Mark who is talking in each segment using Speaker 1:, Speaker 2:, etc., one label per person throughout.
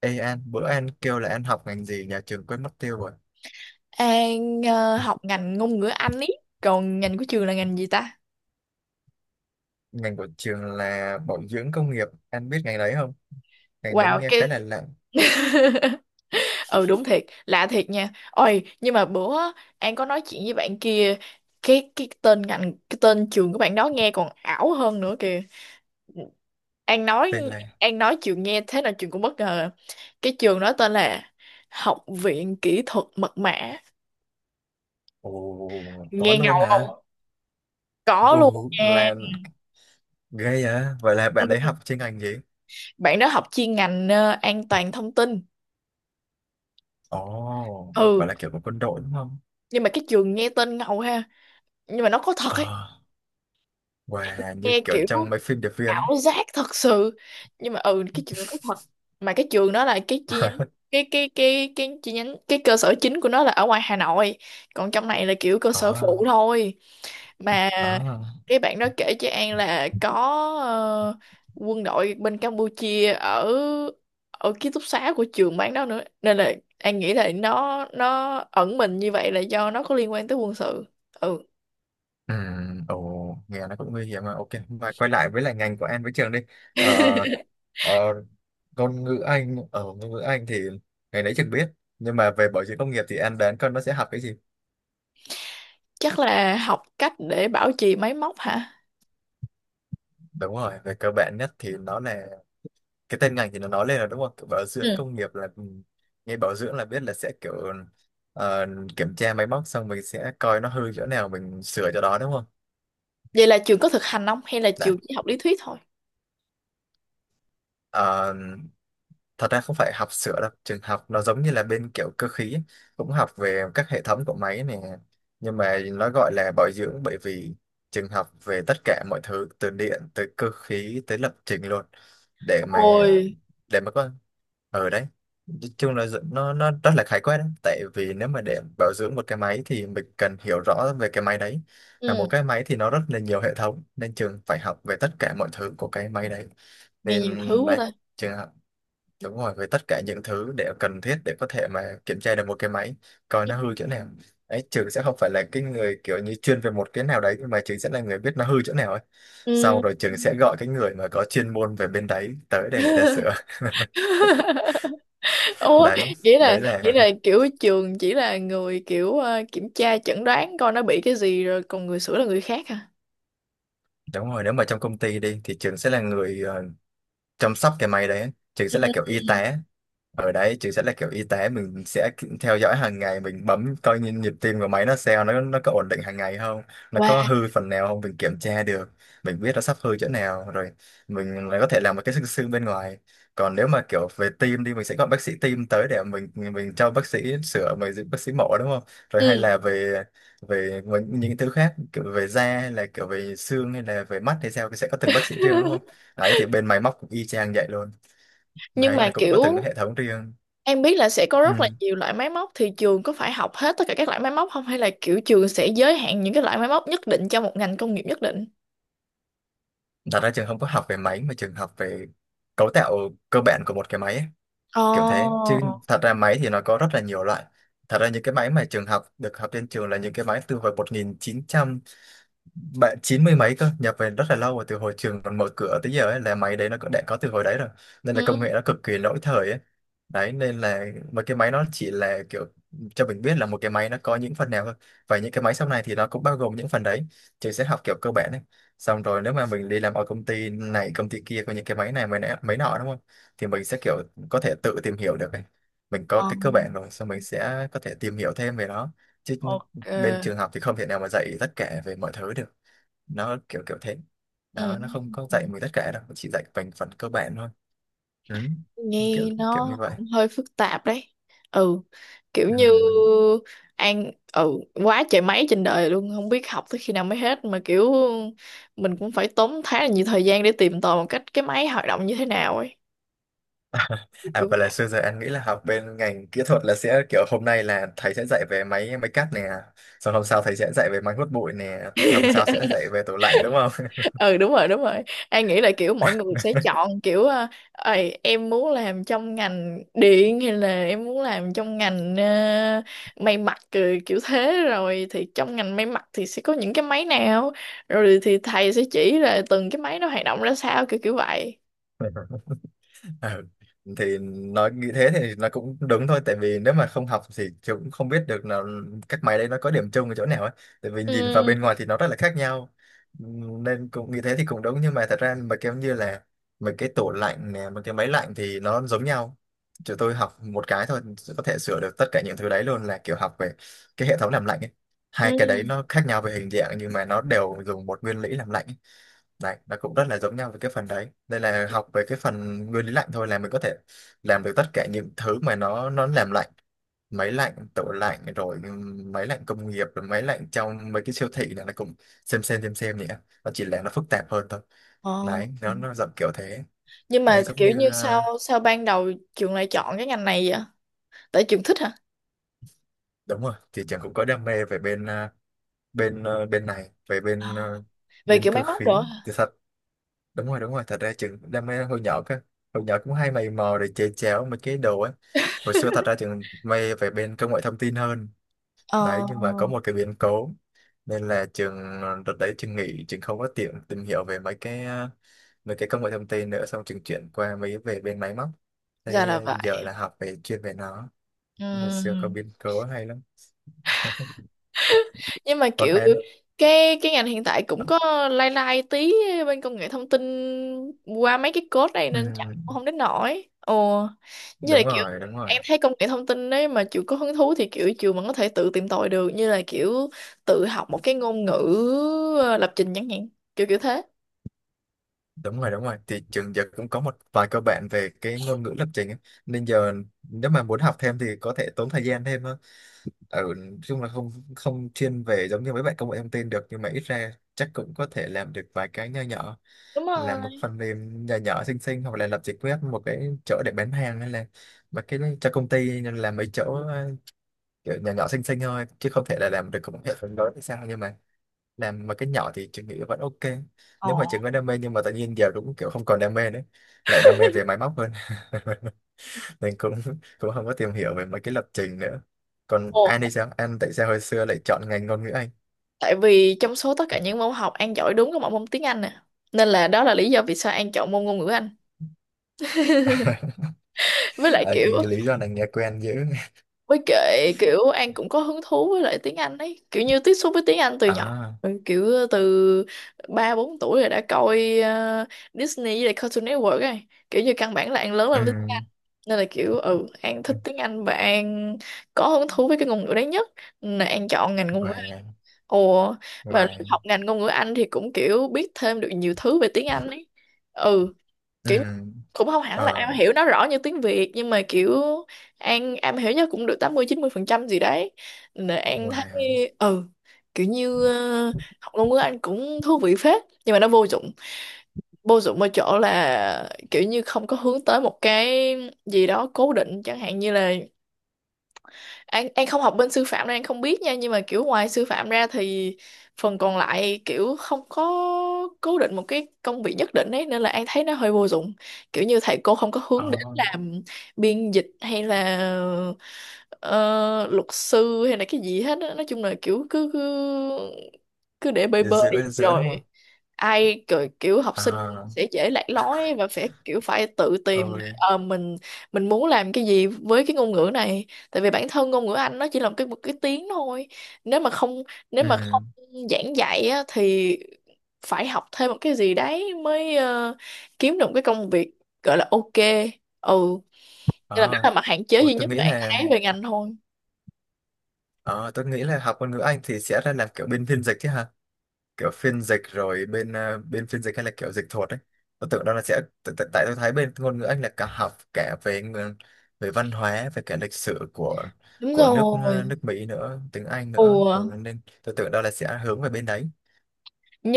Speaker 1: Ê An, bữa An kêu là An học ngành gì nhà trường quên mất tiêu rồi.
Speaker 2: An học ngành ngôn ngữ Anh ý. Còn ngành của trường là ngành gì ta?
Speaker 1: Ngành của trường là bảo dưỡng công nghiệp. An biết ngành đấy không? Ngành đấy
Speaker 2: Wow,
Speaker 1: nghe khá là lạ.
Speaker 2: Ừ, đúng thiệt. Lạ thiệt nha. Ôi, nhưng mà bữa á, An có nói chuyện với bạn kia. Cái tên ngành. Cái tên trường của bạn đó nghe còn ảo hơn nữa kìa. An nói.
Speaker 1: Tên là...
Speaker 2: An nói trường nghe thế nào trường cũng bất ngờ. Cái trường đó tên là Học viện Kỹ thuật Mật mã.
Speaker 1: Ồ, có
Speaker 2: Nghe
Speaker 1: luôn
Speaker 2: ngầu
Speaker 1: hả?
Speaker 2: không? Có luôn
Speaker 1: Ồ,
Speaker 2: nha.
Speaker 1: là ghê à? Vậy là bạn đấy
Speaker 2: Ừ.
Speaker 1: học chuyên ngành gì?
Speaker 2: Bạn đó học chuyên ngành an toàn thông tin.
Speaker 1: Ồ, vậy
Speaker 2: Ừ,
Speaker 1: là kiểu của quân đội đúng không?
Speaker 2: nhưng mà cái trường nghe tên ngầu ha, nhưng mà nó có thật
Speaker 1: Ờ,
Speaker 2: ấy.
Speaker 1: wow, như
Speaker 2: Nghe
Speaker 1: kiểu
Speaker 2: kiểu
Speaker 1: trong mấy phim điệp viên ấy.
Speaker 2: ảo giác thật sự, nhưng mà ừ, cái trường nó có thật. Mà cái trường đó là cái chi nhánh. Cái cơ sở chính của nó là ở ngoài Hà Nội, còn trong này là kiểu cơ sở
Speaker 1: Ờ,
Speaker 2: phụ thôi. Mà
Speaker 1: ờ.
Speaker 2: cái bạn đó kể cho An là có, ờ, quân đội bên Campuchia ở, ở ký túc xá của trường bán đó nữa, nên là An nghĩ là nó ẩn mình như vậy là do nó có liên quan tới quân sự. Ừ.
Speaker 1: Ừ, ồ, nghe nó cũng nguy hiểm mà. Ok, mà quay lại với lại ngành của em với trường đi. Ờ, ờ, ngôn ngữ Anh, ở ngôn ngữ Anh thì ngày nãy trường biết. Nhưng mà về bảo dưỡng công nghiệp thì em đoán con nó sẽ học cái gì?
Speaker 2: Chắc là học cách để bảo trì máy móc hả?
Speaker 1: Đúng rồi, về cơ bản nhất thì nó là cái tên ngành thì nó nói lên là đúng không? Kiểu bảo dưỡng
Speaker 2: Ừ.
Speaker 1: công nghiệp là, ừ, nghe bảo dưỡng là biết là sẽ kiểu, ờ, kiểm tra máy móc xong mình sẽ coi nó hư chỗ nào mình sửa chỗ đó đúng không?
Speaker 2: Vậy là trường có thực hành không? Hay là
Speaker 1: Đấy.
Speaker 2: trường chỉ học lý thuyết thôi?
Speaker 1: ờ, Thật ra không phải học sửa đâu, trường học nó giống như là bên kiểu cơ khí ấy. Cũng học về các hệ thống của máy này, nhưng mà nó gọi là bảo dưỡng bởi vì trường học về tất cả mọi thứ từ điện tới cơ khí tới lập trình luôn, để mà,
Speaker 2: Ôi,
Speaker 1: để mà có ở đấy, nói chung là nó rất là khái quát đấy, tại vì nếu mà để bảo dưỡng một cái máy thì mình cần hiểu rõ về cái máy đấy. Là
Speaker 2: ừ.
Speaker 1: một cái máy thì nó rất là nhiều hệ thống nên trường phải học về tất cả mọi thứ của cái máy đấy,
Speaker 2: Nghe nhiều thứ
Speaker 1: nên
Speaker 2: quá
Speaker 1: đấy,
Speaker 2: ta.
Speaker 1: trường. Đúng rồi, với tất cả những thứ để cần thiết để có thể mà kiểm tra được một cái máy, coi nó hư chỗ nào ấy. Trường sẽ không phải là cái người kiểu như chuyên về một cái nào đấy, nhưng mà Trường sẽ là người biết nó hư chỗ nào ấy. Sau
Speaker 2: Ừ.
Speaker 1: rồi Trường sẽ gọi cái người mà có chuyên môn về bên đấy tới để người ta sửa.
Speaker 2: Ủa,
Speaker 1: Đấy,
Speaker 2: nghĩa là
Speaker 1: đấy
Speaker 2: nghĩa
Speaker 1: là,
Speaker 2: là kiểu trường chỉ là người kiểu, kiểm tra chẩn đoán coi nó bị cái gì, rồi còn người sửa là người khác hả?
Speaker 1: đúng rồi, nếu mà trong công ty đi thì Trường sẽ là người, ờ, chăm sóc cái máy đấy. Trường
Speaker 2: Ừ.
Speaker 1: sẽ là kiểu y tá ở đấy, chứ sẽ là kiểu y tế, mình sẽ theo dõi hàng ngày, mình bấm coi nhịp nhịp tim của máy nó sao, nó có ổn định hàng ngày không, nó
Speaker 2: Wow.
Speaker 1: có hư phần nào không mình kiểm tra được, mình biết nó sắp hư chỗ nào rồi, mình lại có thể làm một cái xương xương bên ngoài. Còn nếu mà kiểu về tim đi, mình sẽ gọi bác sĩ tim tới để mình cho bác sĩ sửa, mình giúp bác sĩ mổ đúng không, rồi hay
Speaker 2: Ừ.
Speaker 1: là về về những thứ khác kiểu về da hay là kiểu về xương hay là về mắt hay sao thì sẽ có từng bác sĩ riêng đúng không, đấy thì bên máy móc cũng y chang vậy luôn
Speaker 2: Nhưng
Speaker 1: đấy,
Speaker 2: mà
Speaker 1: là cũng có từng cái
Speaker 2: kiểu,
Speaker 1: hệ thống riêng.
Speaker 2: em biết là sẽ có rất là
Speaker 1: Ừ.
Speaker 2: nhiều loại máy móc, thì trường có phải học hết tất cả các loại máy móc không, hay là kiểu trường sẽ giới hạn những cái loại máy móc nhất định cho một ngành công nghiệp nhất định?
Speaker 1: Thật ra trường không có học về máy mà trường học về cấu tạo cơ bản của một cái máy ấy, kiểu thế, chứ
Speaker 2: Ồ.
Speaker 1: thật ra máy thì nó có rất là nhiều loại. Thật ra những cái máy mà trường học được học trên trường là những cái máy từ hồi 1990 mấy cơ, nhập về rất là lâu rồi, từ hồi trường còn mở cửa tới giờ ấy, là máy đấy nó cũng đã có từ hồi đấy rồi, nên là công
Speaker 2: Ừ.
Speaker 1: nghệ nó cực kỳ lỗi thời ấy. Đấy, nên là một cái máy nó chỉ là kiểu cho mình biết là một cái máy nó có những phần nào thôi, và những cái máy sau này thì nó cũng bao gồm những phần đấy, trường sẽ học kiểu cơ bản đấy. Xong rồi nếu mà mình đi làm ở công ty này công ty kia có những cái máy này máy nọ đúng không, thì mình sẽ kiểu có thể tự tìm hiểu được ấy. Mình có
Speaker 2: Ờ,
Speaker 1: cái cơ bản rồi, xong mình sẽ có thể tìm hiểu thêm về nó, chứ
Speaker 2: ok.
Speaker 1: bên trường học thì không thể nào mà dạy tất cả về mọi thứ được. Nó kiểu kiểu thế
Speaker 2: Ừ,
Speaker 1: đó, nó không có
Speaker 2: ừ.
Speaker 1: dạy mình tất cả đâu, chỉ dạy mình phần cơ bản thôi. Ừ,
Speaker 2: Nghe
Speaker 1: kiểu kiểu như
Speaker 2: nó
Speaker 1: vậy.
Speaker 2: cũng hơi phức tạp đấy. Ừ. Kiểu như
Speaker 1: Ừm.
Speaker 2: An ừ quá trời máy trên đời luôn, không biết học tới khi nào mới hết, mà kiểu mình cũng phải tốn khá là nhiều thời gian để tìm tòi một cách cái máy hoạt động như thế nào ấy. Kiểu
Speaker 1: À
Speaker 2: kiểu
Speaker 1: vậy là xưa giờ anh nghĩ là học bên ngành kỹ thuật là sẽ kiểu hôm nay là thầy sẽ dạy về máy máy cắt nè, xong hôm sau thầy sẽ dạy về máy hút bụi nè, xong hôm sau sẽ dạy về tủ lạnh đúng không?
Speaker 2: ừ, đúng rồi, đúng rồi. An nghĩ là kiểu mọi người sẽ chọn kiểu, "Ầy, em muốn làm trong ngành điện hay là em muốn làm trong ngành may mặc," ừ, kiểu thế. Rồi thì trong ngành may mặc thì sẽ có những cái máy nào, rồi thì thầy sẽ chỉ là từng cái máy nó hoạt động ra sao, kiểu kiểu vậy.
Speaker 1: Ờ, thì nói nghĩ thế thì nó cũng đúng thôi, tại vì nếu mà không học thì chị cũng không biết được là các máy đấy nó có điểm chung ở chỗ nào ấy, tại vì nhìn vào
Speaker 2: Ừ,
Speaker 1: bên ngoài thì nó rất là khác nhau. Nên cũng nghĩ thế thì cũng đúng, nhưng mà thật ra mà kiểu như là mấy cái tủ lạnh nè mấy cái máy lạnh thì nó giống nhau, chúng tôi học một cái thôi có thể sửa được tất cả những thứ đấy luôn, là kiểu học về cái hệ thống làm lạnh ấy. Hai cái đấy
Speaker 2: ừ,
Speaker 1: nó khác nhau về hình dạng nhưng mà nó đều dùng một nguyên lý làm lạnh ấy. Đấy, nó cũng rất là giống nhau về cái phần đấy. Đây là học về cái phần nguyên lý lạnh thôi là mình có thể làm được tất cả những thứ mà nó làm lạnh. Máy lạnh, tủ lạnh, rồi, ừ, máy lạnh công nghiệp, rồi máy lạnh trong mấy cái siêu thị này nó cũng xem nhỉ. Nó chỉ là nó phức tạp hơn thôi.
Speaker 2: ờ.
Speaker 1: Đấy, nó dạng kiểu thế.
Speaker 2: Nhưng mà
Speaker 1: Đấy, giống
Speaker 2: kiểu
Speaker 1: như,
Speaker 2: như
Speaker 1: à,
Speaker 2: sao sao ban đầu trường lại chọn cái ngành này vậy? Tại trường thích hả?
Speaker 1: đúng rồi, thì chẳng cũng có đam mê về bên, à, bên, à, bên này, về
Speaker 2: Ờ,
Speaker 1: bên, à,
Speaker 2: về
Speaker 1: bên
Speaker 2: kiểu máy
Speaker 1: cơ
Speaker 2: móc
Speaker 1: khí.
Speaker 2: rồi hả?
Speaker 1: Thì thật, đúng rồi đúng rồi, thật ra trường đam mê hồi nhỏ cơ, hồi nhỏ cũng hay mày mò để chè chéo mấy cái đồ ấy. Hồi xưa thật ra trường mê về bên công nghệ thông tin hơn
Speaker 2: Ờ,
Speaker 1: đấy, nhưng mà có một cái biến cố nên là trường, đợt đấy trường nghỉ, trường không có tiện tìm hiểu về mấy cái, ờ, mấy cái công nghệ thông tin nữa, xong trường chuyển qua mấy về bên máy móc
Speaker 2: ra
Speaker 1: thế.
Speaker 2: là
Speaker 1: Ờ, giờ
Speaker 2: vậy.
Speaker 1: là học về chuyên về nó.
Speaker 2: Ừ,
Speaker 1: Hồi xưa có biến cố hay lắm.
Speaker 2: nhưng mà
Speaker 1: Còn
Speaker 2: kiểu
Speaker 1: em,
Speaker 2: cái ngành hiện tại cũng có lai lai tí bên công nghệ thông tin qua mấy cái code này,
Speaker 1: ừ,
Speaker 2: nên chắc cũng không đến nổi ồ, như là
Speaker 1: đúng
Speaker 2: kiểu
Speaker 1: rồi đúng rồi
Speaker 2: em thấy công nghệ thông tin đấy, mà chịu có hứng thú thì kiểu chịu mà có thể tự tìm tòi được, như là kiểu tự học một cái ngôn ngữ lập trình chẳng hạn, kiểu kiểu thế.
Speaker 1: đúng rồi đúng rồi, thì trường giờ cũng có một vài cơ bản về cái ngôn ngữ lập trình ấy. Nên giờ nếu mà muốn học thêm thì có thể tốn thời gian thêm hơn, ở nói chung là không không chuyên về giống như mấy bạn công nghệ thông tin được, nhưng mà ít ra chắc cũng có thể làm được vài cái nho nhỏ,
Speaker 2: Đúng
Speaker 1: làm một
Speaker 2: rồi.
Speaker 1: phần mềm nhỏ nhỏ xinh xinh hoặc là lập trình web một cái chỗ để bán hàng hay là mà cái cho công ty, nên làm mấy chỗ, ờ, kiểu nhỏ nhỏ xinh xinh thôi chứ không thể là làm được một hệ thống lớn hay sao, nhưng mà làm mà cái nhỏ thì chị nghĩ vẫn ok.
Speaker 2: Ồ.
Speaker 1: Nếu mà chị có đam mê nhưng mà tự nhiên giờ cũng kiểu không còn đam mê nữa, lại đam mê về máy móc hơn. Nên cũng, cũng không có tìm hiểu về mấy cái lập trình nữa. Còn
Speaker 2: Ồ,
Speaker 1: An thì sao, An tại sao hồi xưa lại chọn ngành ngôn ngữ Anh?
Speaker 2: tại vì trong số tất cả những môn học An giỏi đúng có một môn tiếng Anh nè, nên là đó là lý do vì sao An chọn môn ngôn ngữ Anh. Với lại
Speaker 1: À,
Speaker 2: kiểu,
Speaker 1: cái lý do này nghe quen dữ.
Speaker 2: với kệ kiểu An cũng có hứng thú với lại tiếng Anh ấy, kiểu như tiếp xúc với tiếng Anh từ nhỏ.
Speaker 1: À,
Speaker 2: Ừ, kiểu từ 3 4 tuổi rồi đã coi Disney với lại Cartoon Network rồi. Kiểu như căn bản là An lớn
Speaker 1: ừ,
Speaker 2: lên với tiếng Anh, nên là kiểu ừ, An thích tiếng Anh và An có hứng thú với cái ngôn ngữ đấy nhất, nên là An chọn ngành ngôn ngữ Anh.
Speaker 1: và
Speaker 2: Ồ. Mà
Speaker 1: và,
Speaker 2: học ngành ngôn ngữ Anh thì cũng kiểu biết thêm được nhiều thứ về tiếng Anh ấy. Ừ,
Speaker 1: ừ,
Speaker 2: kiểu như, cũng không hẳn là
Speaker 1: ờ,
Speaker 2: am hiểu nó rõ như tiếng Việt, nhưng mà kiểu An am hiểu nhất cũng được 80 90% gì đấy. Nên An thấy
Speaker 1: và,
Speaker 2: ừ, kiểu như học ngôn ngữ Anh cũng thú vị phết, nhưng mà nó vô dụng. Vô dụng ở chỗ là kiểu như không có hướng tới một cái gì đó cố định, chẳng hạn như là An không học bên sư phạm nên An không biết nha, nhưng mà kiểu ngoài sư phạm ra thì phần còn lại kiểu không có cố định một cái công việc nhất định ấy, nên là An thấy nó hơi vô dụng. Kiểu như thầy cô không có hướng
Speaker 1: ờ,
Speaker 2: đến làm biên dịch hay là luật sư hay là cái gì hết á. Nói chung là kiểu cứ cứ cứ để bơi bơi
Speaker 1: giữa giữa đúng không?
Speaker 2: rồi ai kiểu, kiểu học sinh
Speaker 1: À,
Speaker 2: sẽ dễ lạc lối và phải kiểu phải tự tìm là,
Speaker 1: ơi,
Speaker 2: mình muốn làm cái gì với cái ngôn ngữ này. Tại vì bản thân ngôn ngữ Anh nó chỉ là một cái tiếng thôi. nếu mà không nếu mà
Speaker 1: ừ,
Speaker 2: không giảng dạy á, thì phải học thêm một cái gì đấy mới kiếm được một cái công việc gọi là ok. Ừ, nên là đó là
Speaker 1: à,
Speaker 2: mặt hạn chế
Speaker 1: ôi,
Speaker 2: duy
Speaker 1: tôi
Speaker 2: nhất
Speaker 1: nghĩ
Speaker 2: mà An
Speaker 1: là.
Speaker 2: thấy về ngành thôi.
Speaker 1: Ờ, tôi nghĩ là học ngôn ngữ Anh thì sẽ ra làm kiểu bên phiên dịch chứ ha, kiểu phiên dịch rồi bên, ờ, bên phiên dịch hay là kiểu dịch thuật ấy. Tôi tưởng đó là sẽ tại tại- tại tôi thấy bên ngôn ngữ Anh là cả học cả về về văn hóa về cả lịch sử
Speaker 2: Đúng
Speaker 1: của nước, ờ,
Speaker 2: rồi.
Speaker 1: nước Mỹ nữa, tiếng Anh nữa,
Speaker 2: Ủa,
Speaker 1: ừ, nên tôi tưởng đó là sẽ hướng về bên đấy,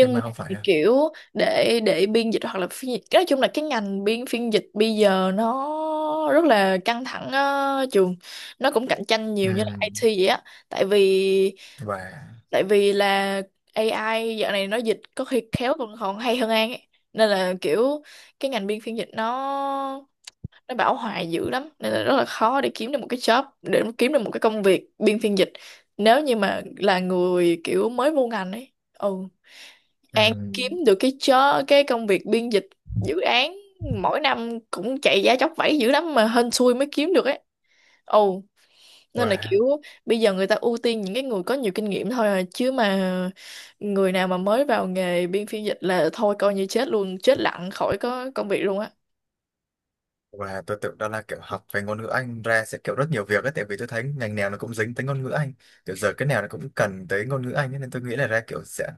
Speaker 1: nhưng
Speaker 2: mà
Speaker 1: mà không phải
Speaker 2: thì
Speaker 1: ha.
Speaker 2: kiểu, để biên dịch hoặc là phiên dịch, nói chung là cái ngành biên phiên dịch bây giờ nó rất là căng thẳng á, trường. Nó cũng cạnh tranh
Speaker 1: Ừ,
Speaker 2: nhiều như là IT vậy á. tại vì
Speaker 1: và,
Speaker 2: tại vì là AI dạo này nó dịch có khi khéo còn còn hay hơn An ấy. Nên là kiểu cái ngành biên phiên dịch nó bão hòa dữ lắm, nên là rất là khó để kiếm được một cái job, để kiếm được một cái công việc biên phiên dịch nếu như mà là người kiểu mới vô ngành ấy. Ừ,
Speaker 1: ừ,
Speaker 2: An kiếm được cái job, cái công việc biên dịch dự án mỗi năm cũng chạy giá chóc vẫy dữ lắm, mà hên xui mới kiếm được ấy. Ồ, nên là
Speaker 1: và.
Speaker 2: kiểu bây giờ người ta ưu tiên những cái người có nhiều kinh nghiệm thôi à, chứ mà người nào mà mới vào nghề biên phiên dịch là thôi coi như chết luôn, chết lặng khỏi có công việc luôn á.
Speaker 1: Và tôi tưởng đó là kiểu học về ngôn ngữ Anh ra sẽ kiểu rất nhiều việc ấy, tại vì tôi thấy ngành nào nó cũng dính tới ngôn ngữ Anh. Kiểu giờ cái nào nó cũng cần tới ngôn ngữ Anh ấy, nên tôi nghĩ là ra kiểu sẽ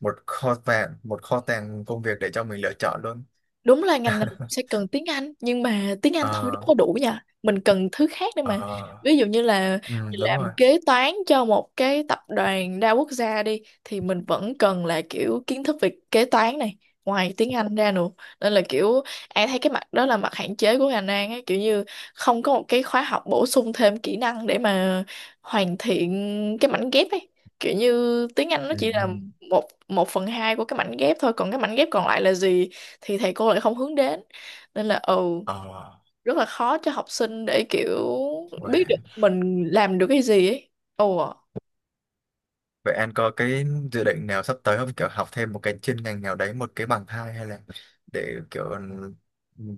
Speaker 1: một kho tàng công việc để cho mình lựa chọn luôn.
Speaker 2: Đúng là ngành này sẽ cần tiếng Anh, nhưng mà tiếng Anh thôi đâu
Speaker 1: Ờ,
Speaker 2: có đủ nha, mình cần thứ khác nữa mà.
Speaker 1: ờ,
Speaker 2: Ví dụ như là
Speaker 1: ừ,
Speaker 2: mình
Speaker 1: đúng
Speaker 2: làm
Speaker 1: rồi.
Speaker 2: kế toán cho một cái tập đoàn đa quốc gia đi, thì mình vẫn cần là kiểu kiến thức về kế toán này, ngoài tiếng Anh ra nữa. Nên là kiểu An thấy cái mặt đó là mặt hạn chế của ngành An ấy, kiểu như không có một cái khóa học bổ sung thêm kỹ năng để mà hoàn thiện cái mảnh ghép ấy. Kiểu như tiếng Anh nó
Speaker 1: Ừ,
Speaker 2: chỉ
Speaker 1: ừ.
Speaker 2: là một 1/2 của cái mảnh ghép thôi, còn cái mảnh ghép còn lại là gì thì thầy cô lại không hướng đến, nên là ừ,
Speaker 1: Ờ,
Speaker 2: rất là khó cho học sinh để kiểu
Speaker 1: vậy,
Speaker 2: biết được mình làm được cái gì ấy. Ồ,
Speaker 1: vậy anh có cái dự định nào sắp tới không? Kiểu học thêm một cái chuyên ngành nào đấy, một cái bằng hai, hay là để kiểu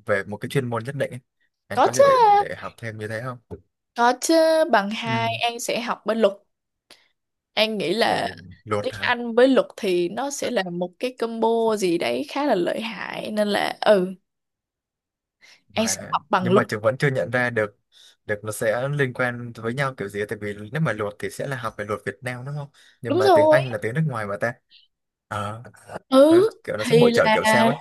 Speaker 1: về một cái chuyên môn nhất định ấy. Anh
Speaker 2: có
Speaker 1: có dự
Speaker 2: chứ.
Speaker 1: định để học thêm như thế không?
Speaker 2: Có chứ. Bằng 2
Speaker 1: Ừ.
Speaker 2: An sẽ học bên luật. An nghĩ là
Speaker 1: Ồ, luật
Speaker 2: tiếng
Speaker 1: hả?
Speaker 2: Anh với luật thì nó sẽ là một cái combo gì đấy khá là lợi hại, nên là ừ, An sẽ
Speaker 1: Và
Speaker 2: học bằng
Speaker 1: nhưng
Speaker 2: luật.
Speaker 1: mà trường vẫn chưa nhận ra được được nó sẽ liên quan với nhau kiểu gì, tại vì nếu mà luật thì sẽ là học về luật Việt Nam đúng không? Nhưng
Speaker 2: Đúng
Speaker 1: mà tiếng
Speaker 2: rồi.
Speaker 1: Anh là tiếng nước ngoài mà ta. Ờ, nó,
Speaker 2: Ừ,
Speaker 1: kiểu nó sẽ
Speaker 2: thì
Speaker 1: bổ trợ
Speaker 2: là,
Speaker 1: kiểu sao ấy.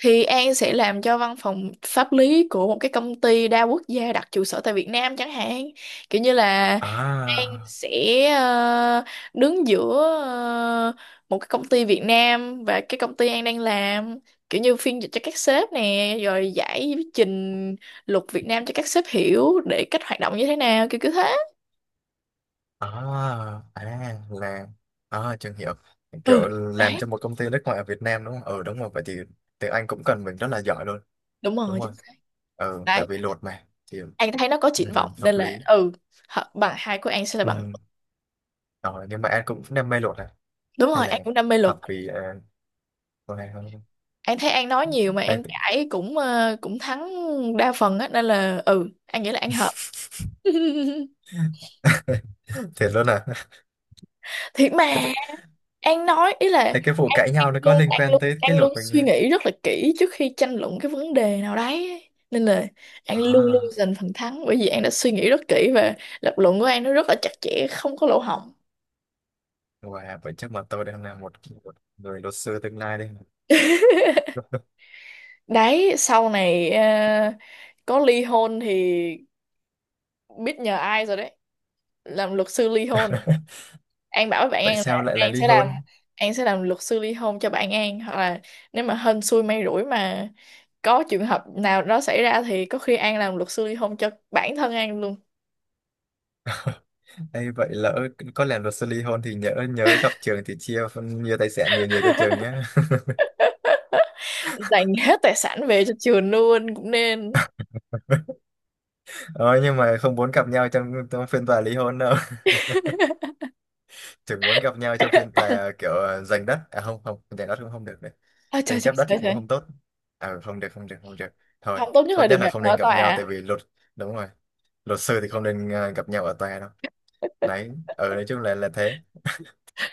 Speaker 2: thì An sẽ làm cho văn phòng pháp lý của một cái công ty đa quốc gia đặt trụ sở tại Việt Nam chẳng hạn. Kiểu như là An
Speaker 1: À,
Speaker 2: sẽ ờ, đứng giữa, ờ, một cái công ty Việt Nam và cái công ty An đang làm, kiểu như phiên dịch cho các sếp nè, rồi giải trình luật Việt Nam cho các sếp hiểu để cách hoạt động như thế nào, kiểu kiểu thế.
Speaker 1: à, à là, à trường hiểu.
Speaker 2: Ừ,
Speaker 1: Kiểu làm
Speaker 2: đấy.
Speaker 1: cho một công ty nước ngoài ở Việt Nam đúng không? Ừ đúng rồi, vậy thì tiếng Anh cũng cần mình rất là giỏi luôn.
Speaker 2: Đúng
Speaker 1: Đúng
Speaker 2: rồi,
Speaker 1: rồi.
Speaker 2: chính xác.
Speaker 1: Ừ, tại
Speaker 2: Đấy,
Speaker 1: vì luật mà thì,
Speaker 2: An thấy nó có triển
Speaker 1: ừ,
Speaker 2: vọng, nên
Speaker 1: hợp
Speaker 2: là
Speaker 1: lý.
Speaker 2: ừ, hợp- bằng 2 của An sẽ là
Speaker 1: Ừ.
Speaker 2: bằng.
Speaker 1: Rồi, nhưng mà anh cũng đam mê luật.
Speaker 2: Đúng
Speaker 1: Thằng
Speaker 2: rồi, An
Speaker 1: này
Speaker 2: cũng đam mê luật.
Speaker 1: học vì, à, con này không.
Speaker 2: An thấy An nói nhiều mà
Speaker 1: Đấy.
Speaker 2: An cãi cũng cũng thắng đa phần á, nên là ừ, An nghĩ là An hợp.
Speaker 1: Thiệt luôn à?
Speaker 2: Thiệt mà. An nói ý là
Speaker 1: Ê, cái vụ
Speaker 2: An,
Speaker 1: cãi
Speaker 2: An
Speaker 1: nhau nó có
Speaker 2: luôn
Speaker 1: liên
Speaker 2: An
Speaker 1: quan
Speaker 2: luôn
Speaker 1: tới cái
Speaker 2: An
Speaker 1: luật
Speaker 2: luôn
Speaker 1: mình
Speaker 2: suy
Speaker 1: như,
Speaker 2: nghĩ rất là kỹ trước khi tranh luận cái vấn đề nào đấy ấy. Nên là An luôn luôn
Speaker 1: à,
Speaker 2: giành phần thắng, bởi vì An đã suy nghĩ rất kỹ và lập luận của An nó rất là chặt chẽ, không có lỗ hổng.
Speaker 1: wow, vậy chắc mà tôi đang là một, một người luật sư tương lai đây.
Speaker 2: Đấy, sau này có ly hôn thì biết nhờ ai rồi đấy. Làm luật sư ly hôn. An bảo với bạn An
Speaker 1: Tại
Speaker 2: là
Speaker 1: sao lại là
Speaker 2: An
Speaker 1: ly
Speaker 2: sẽ làm.
Speaker 1: hôn?
Speaker 2: An sẽ làm luật sư ly hôn cho bạn An, hoặc là nếu mà hên xui may rủi mà có trường hợp nào đó xảy ra thì có khi An làm luật sư ly hôn cho bản thân An luôn.
Speaker 1: Ê, vậy lỡ có làm luật sư ly hôn thì nhớ nhớ gặp trường thì chia nhiều tài sản nhiều nhiều cho trường nhé.
Speaker 2: Dành hết tài sản về cho trường luôn cũng nên.
Speaker 1: Ờ nhưng mà không muốn gặp nhau trong trong phiên tòa ly hôn đâu, chỉ muốn gặp nhau trong phiên tòa kiểu, ờ, giành đất, à không không giành đất cũng không được đấy,
Speaker 2: Ôi trời,
Speaker 1: tranh
Speaker 2: trời,
Speaker 1: chấp đất thì
Speaker 2: trời,
Speaker 1: cũng
Speaker 2: trời.
Speaker 1: không tốt, à không được không được không được. Thôi,
Speaker 2: Không, tốt nhất là
Speaker 1: tốt
Speaker 2: đừng
Speaker 1: nhất là
Speaker 2: gặp
Speaker 1: không
Speaker 2: ở
Speaker 1: nên gặp
Speaker 2: tòa
Speaker 1: nhau tại
Speaker 2: ạ.
Speaker 1: vì luật, đúng rồi, luật sư thì không nên, ờ, gặp nhau ở tòa đâu. Đấy, ở nói chung là thế,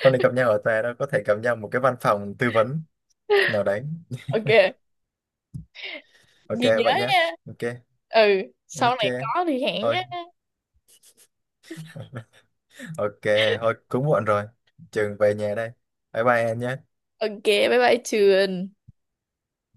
Speaker 1: không nên gặp nhau ở tòa đâu, có thể gặp nhau một cái văn phòng tư vấn nào đấy.
Speaker 2: Ok,
Speaker 1: Ok
Speaker 2: ghi nhớ
Speaker 1: vậy nhé.
Speaker 2: nha.
Speaker 1: Ok.
Speaker 2: Ừ, sau
Speaker 1: Ok,
Speaker 2: này có thì hẹn
Speaker 1: thôi.
Speaker 2: nhé.
Speaker 1: Ok, thôi cũng muộn rồi, trường về nhà đây. Bye bye em nhé.
Speaker 2: Ok, bye bye trường.